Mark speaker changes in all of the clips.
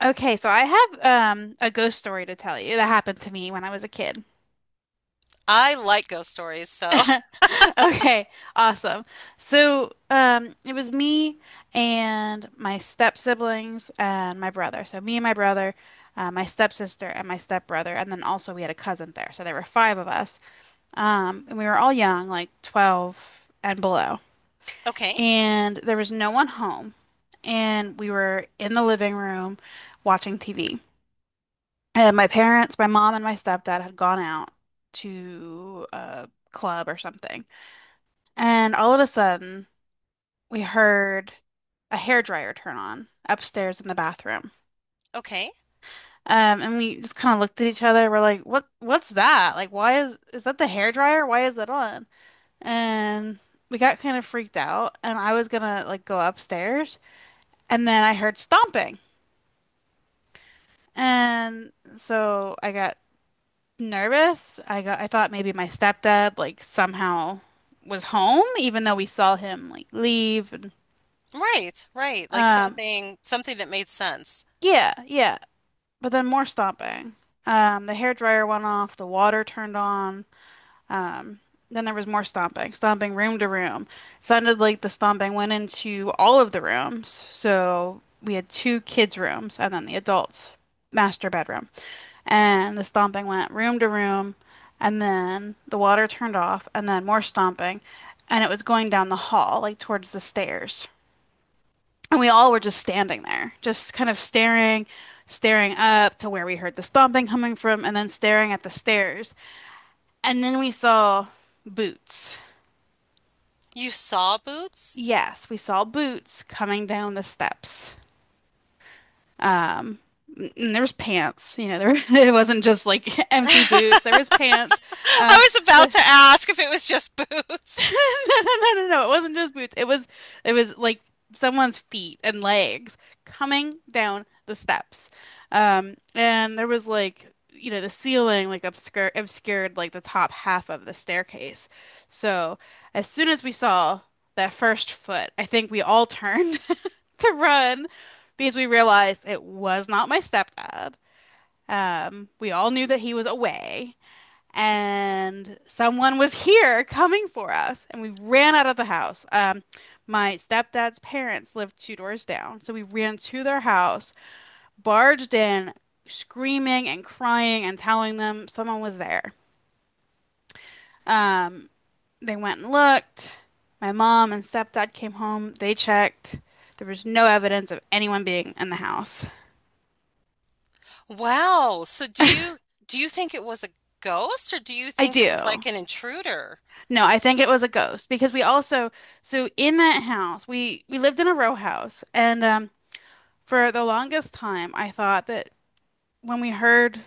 Speaker 1: Okay, so I have a ghost story to tell you that happened to me when I was a kid.
Speaker 2: I like ghost stories, so
Speaker 1: Okay, awesome. So it was me and my step siblings and my brother. So me and my brother, my stepsister and my stepbrother, and then also we had a cousin there. So there were five of us. And we were all young, like 12 and below.
Speaker 2: okay,
Speaker 1: And there was no one home. And we were in the living room watching TV. And my parents, my mom and my stepdad had gone out to a club or something. And all of a sudden, we heard a hairdryer turn on upstairs in the bathroom.
Speaker 2: okay.
Speaker 1: And we just kind of looked at each other. We're like, "What? What's that? Like, why is that the hairdryer? Why is it on?" And we got kind of freaked out. And I was gonna like go upstairs, and then I heard stomping. And so I got nervous. I thought maybe my stepdad like somehow was home, even though we saw him like leave and
Speaker 2: Right, right. Like
Speaker 1: um
Speaker 2: something that made sense.
Speaker 1: yeah, yeah. But then more stomping. The hair dryer went off, the water turned on. Um then there was more stomping, stomping room to room. Sounded like the stomping went into all of the rooms. So we had two kids' rooms and then the adult master bedroom. And the stomping went room to room, and then the water turned off, and then more stomping, and it was going down the hall, like towards the stairs. And we all were just standing there, just kind of staring, staring up to where we heard the stomping coming from, and then staring at the stairs. And then we saw boots.
Speaker 2: You saw boots?
Speaker 1: Yes, we saw boots coming down the steps. Um, and there was pants, you know, there it wasn't just like empty boots. There was
Speaker 2: I
Speaker 1: pants. Um,
Speaker 2: was about
Speaker 1: the
Speaker 2: to ask if it was just boots.
Speaker 1: No, no, no, no, no. It wasn't just boots. It was like someone's feet and legs coming down the steps. And there was like, you know, the ceiling like obscured like the top half of the staircase. So as soon as we saw that first foot, I think we all turned to run because we realized it was not my stepdad. We all knew that he was away and someone was here coming for us, and we ran out of the house. My stepdad's parents lived two doors down, so we ran to their house, barged in, screaming and crying and telling them someone was there. Um, they went and looked. My mom and stepdad came home. They checked. There was no evidence of anyone being in the house.
Speaker 2: Wow. So do
Speaker 1: I
Speaker 2: you do you think it was a ghost, or do you think it was
Speaker 1: do.
Speaker 2: like an intruder?
Speaker 1: No, I think it was a ghost because we also so in that house we lived in a row house and For the longest time, I thought that when we heard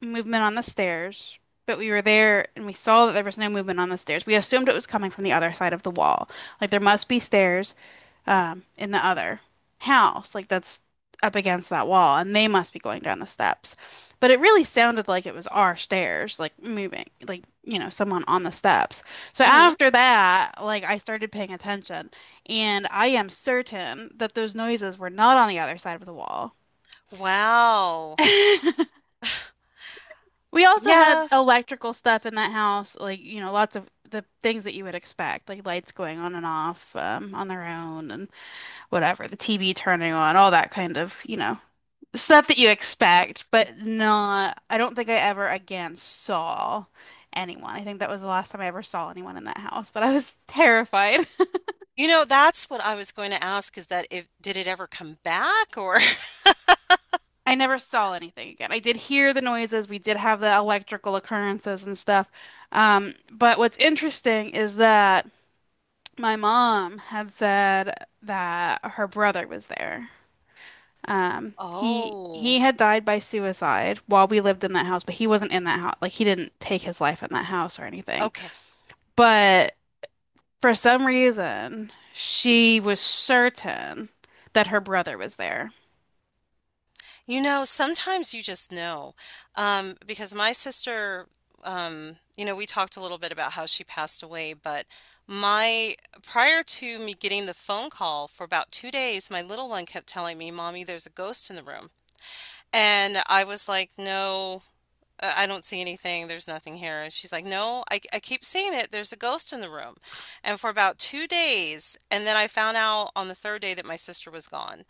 Speaker 1: movement on the stairs, but we were there and we saw that there was no movement on the stairs, we assumed it was coming from the other side of the wall. Like there must be stairs in the other house, like that's up against that wall, and they must be going down the steps. But it really sounded like it was our stairs, like moving, like, you know, someone on the steps. So
Speaker 2: Hmm.
Speaker 1: after that, like I started paying attention, and I am certain that those noises were not on the other side of the wall.
Speaker 2: Wow.
Speaker 1: We also had
Speaker 2: Yeah.
Speaker 1: electrical stuff in that house, like, you know, lots of the things that you would expect, like lights going on and off, on their own and whatever, the TV turning on, all that kind of, you know, stuff that you expect, but not, I don't think I ever again saw anyone. I think that was the last time I ever saw anyone in that house, but I was terrified.
Speaker 2: You know, that's what I was going to ask, is that if did it ever come back? Or
Speaker 1: I never saw anything again. I did hear the noises. We did have the electrical occurrences and stuff. But what's interesting is that my mom had said that her brother was there. He
Speaker 2: oh,
Speaker 1: had died by suicide while we lived in that house, but he wasn't in that house. Like he didn't take his life in that house or anything.
Speaker 2: okay.
Speaker 1: But for some reason, she was certain that her brother was there.
Speaker 2: You know, sometimes you just know. Because my sister, you know, we talked a little bit about how she passed away, but my prior to me getting the phone call, for about 2 days my little one kept telling me, "Mommy, there's a ghost in the room." And I was like, "No, I don't see anything. There's nothing here." And she's like, "No, I keep seeing it. There's a ghost in the room." And for about 2 days. And then I found out on the third day that my sister was gone.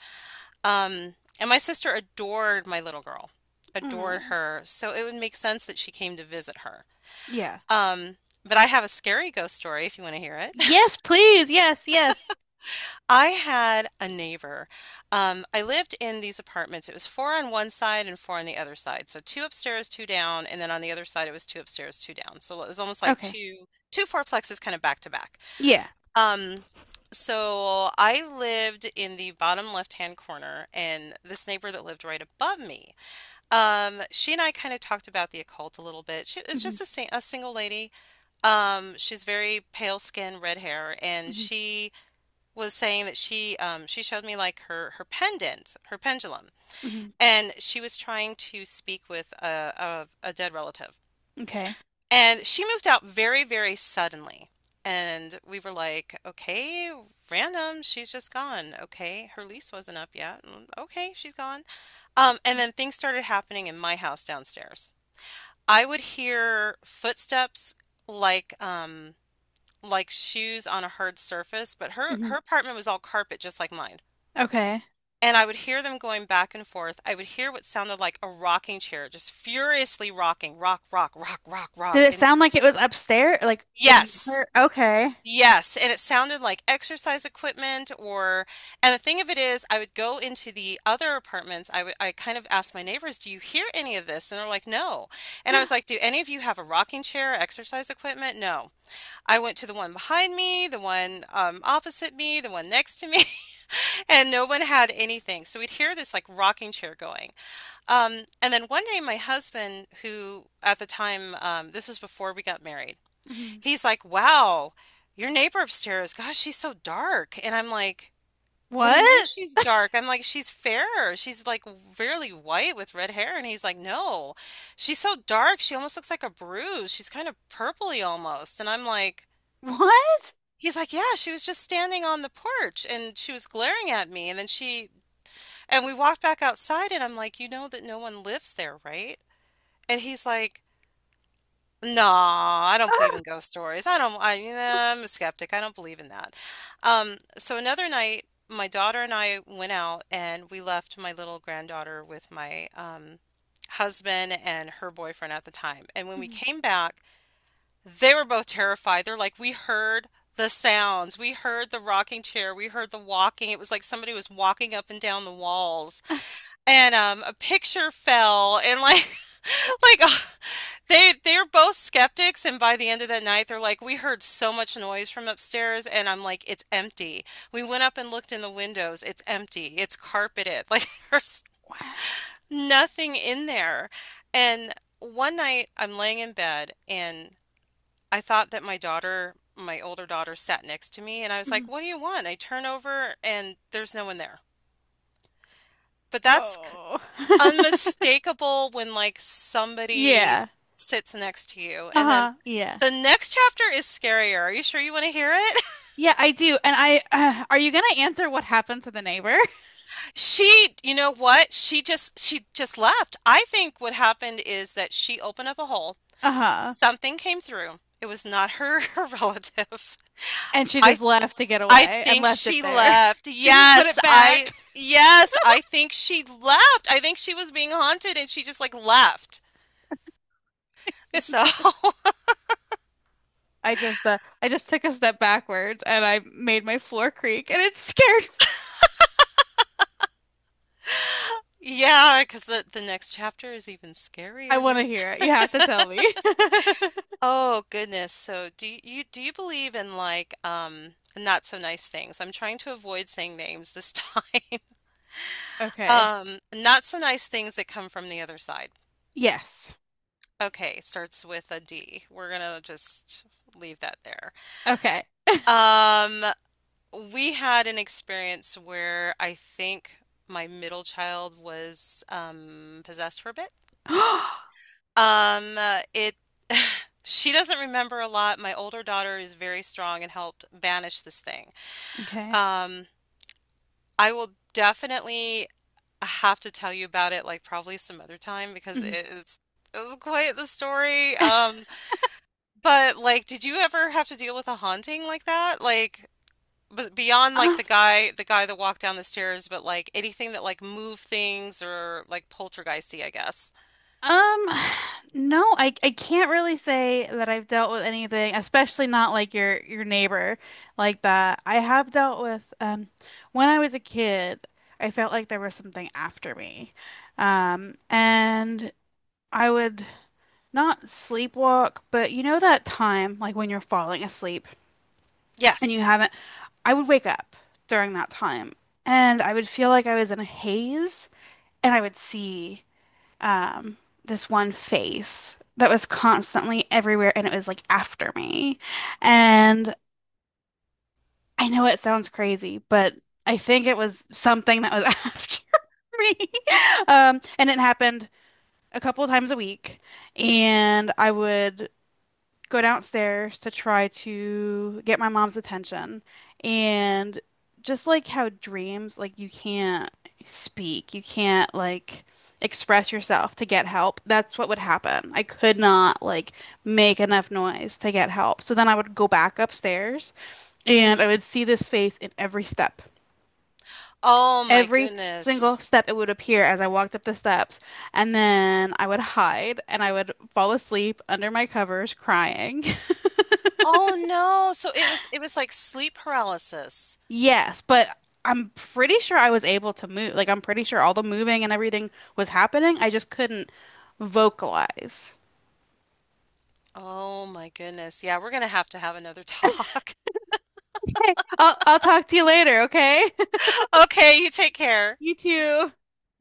Speaker 2: And my sister adored my little girl, adored
Speaker 1: Oh,
Speaker 2: her. So it would make sense that she came to visit her.
Speaker 1: yeah.
Speaker 2: Um, but I have a scary ghost story if you want to hear it.
Speaker 1: Yes, please. Yes, yes.
Speaker 2: I had a neighbor. I lived in these apartments. It was four on one side and four on the other side. So two upstairs, two down, and then on the other side it was two upstairs, two down. So it was almost like
Speaker 1: Okay.
Speaker 2: two fourplexes kind of back to back.
Speaker 1: Yeah.
Speaker 2: Um, so I lived in the bottom left-hand corner, and this neighbor that lived right above me. She and I kind of talked about the occult a little bit. She is
Speaker 1: Hmm.
Speaker 2: just a, sing a single lady. She's very pale skin, red hair, and
Speaker 1: Hmm.
Speaker 2: she was saying that she showed me like her pendant, her pendulum,
Speaker 1: Hmm.
Speaker 2: and she was trying to speak with a dead relative.
Speaker 1: Okay.
Speaker 2: And she moved out very, very suddenly. And we were like, okay, random, she's just gone. Okay, her lease wasn't up yet. Mm, okay, she's gone. And then things started happening in my house downstairs. I would hear footsteps like um like shoes on a hard surface, but her
Speaker 1: Hmm.
Speaker 2: her apartment was all carpet just like mine.
Speaker 1: Okay.
Speaker 2: And I would hear them going back and forth. I would hear what sounded like a rocking chair just furiously rocking, rock, rock, rock, rock,
Speaker 1: Did
Speaker 2: rock.
Speaker 1: it
Speaker 2: And
Speaker 1: sound like it was upstairs? Like in
Speaker 2: yes.
Speaker 1: her? Okay.
Speaker 2: Yes, and it sounded like exercise equipment. Or and the thing of it is, I would go into the other apartments. I kind of asked my neighbors, "Do you hear any of this?" And they're like, "No." And I was like, "Do any of you have a rocking chair or exercise equipment?" No. I went to the one behind me, the one opposite me, the one next to me, and no one had anything. So we'd hear this like rocking chair going. And then one day my husband, who at the time this is before we got married,
Speaker 1: Mhm.
Speaker 2: he's like, "Wow, your neighbor upstairs, gosh, she's so dark." And I'm like, "What do you mean
Speaker 1: What?
Speaker 2: she's dark?" I'm like, "She's fair. She's like really white with red hair." And he's like, "No, she's so dark. She almost looks like a bruise. She's kind of purpley almost." And I'm like,
Speaker 1: What?
Speaker 2: he's like, yeah, she was just standing on the porch and she was glaring at me. And then she, and we walked back outside and I'm like, "You know that no one lives there, right?" And he's like, "No, I don't believe in ghost stories. I don't, you know, I'm a skeptic. I don't believe in that." So another night, my daughter and I went out and we left my little granddaughter with my husband and her boyfriend at the time. And when we
Speaker 1: Mhm.
Speaker 2: came back, they were both terrified. They're like, "We heard the sounds. We heard the rocking chair. We heard the walking. It was like somebody was walking up and down the walls. And a picture fell and like," like, they're both skeptics, and by the end of that night, they're like, "We heard so much noise from upstairs," and I'm like, "It's empty." We went up and looked in the windows. It's empty. It's carpeted. Like there's
Speaker 1: Wow.
Speaker 2: nothing in there. And one night, I'm laying in bed, and I thought that my daughter, my older daughter, sat next to me, and I was like,
Speaker 1: Mhm.
Speaker 2: "What do you want?" I turn over, and there's no one there. But that's
Speaker 1: Oh.
Speaker 2: unmistakable when like somebody
Speaker 1: Yeah.
Speaker 2: sits next to you. And then
Speaker 1: Uh-huh. Yeah.
Speaker 2: the next chapter is scarier. Are you sure you want to hear it?
Speaker 1: Yeah, I do. And are you gonna answer what happened to the neighbor?
Speaker 2: She, you know what? She just left. I think what happened is that she opened up a hole.
Speaker 1: Uh-huh.
Speaker 2: Something came through. It was not her, her relative.
Speaker 1: And she
Speaker 2: I
Speaker 1: just left to get
Speaker 2: I
Speaker 1: away and
Speaker 2: think
Speaker 1: left it
Speaker 2: she
Speaker 1: there.
Speaker 2: left.
Speaker 1: Didn't put it back.
Speaker 2: Yes, I think she left. I think she was being haunted and she just like left. So
Speaker 1: I just took a step backwards and I made my floor creak and it scared me.
Speaker 2: yeah, cause the next chapter is even
Speaker 1: I want
Speaker 2: scarier.
Speaker 1: to hear it. You have to tell me.
Speaker 2: Oh goodness. So do do you believe in like not so nice things? I'm trying to avoid saying names this time.
Speaker 1: Okay.
Speaker 2: Not so nice things that come from the other side.
Speaker 1: Yes.
Speaker 2: Okay, starts with a D. We're gonna just leave that there.
Speaker 1: Okay.
Speaker 2: Um, we had an experience where I think my middle child was possessed for a bit. It she doesn't remember a lot. My older daughter is very strong and helped banish this thing.
Speaker 1: Okay.
Speaker 2: Um, I will definitely have to tell you about it like probably some other time because
Speaker 1: Mhm.
Speaker 2: it was quite the story. But like did you ever have to deal with a haunting like that? Like beyond like the guy the guy that walked down the stairs, but like anything that like moved things or like poltergeisty, I guess.
Speaker 1: Um, no, I can't really say that I've dealt with anything, especially not like your neighbor like that. I have dealt with when I was a kid, I felt like there was something after me. And I would not sleepwalk, but you know that time like when you're falling asleep and you
Speaker 2: Yes.
Speaker 1: haven't, I would wake up um, this one face that was constantly everywhere and it was like after me. And I know it sounds crazy, but I think it was something that was after me. And it happened a couple of times a week. And I would go downstairs to try to get my mom's attention. And just like how dreams, like you can't speak, you can't like express yourself to get help. That's what would happen. I could not like make enough noise to get help. So then I would go back upstairs and
Speaker 2: Hmm.
Speaker 1: I would see this face in every step.
Speaker 2: Oh my
Speaker 1: Every single
Speaker 2: goodness.
Speaker 1: step it would appear as I walked up the steps, and then I would hide and I would fall asleep under my covers crying.
Speaker 2: Oh no. So it was like sleep paralysis.
Speaker 1: Yes, but I'm pretty sure I was able to move. Like, I'm pretty sure all the moving and everything was happening. I just couldn't vocalize.
Speaker 2: Oh my goodness. Yeah, we're gonna have to have another talk.
Speaker 1: I'll talk to you later, okay?
Speaker 2: Okay, you take care.
Speaker 1: You too.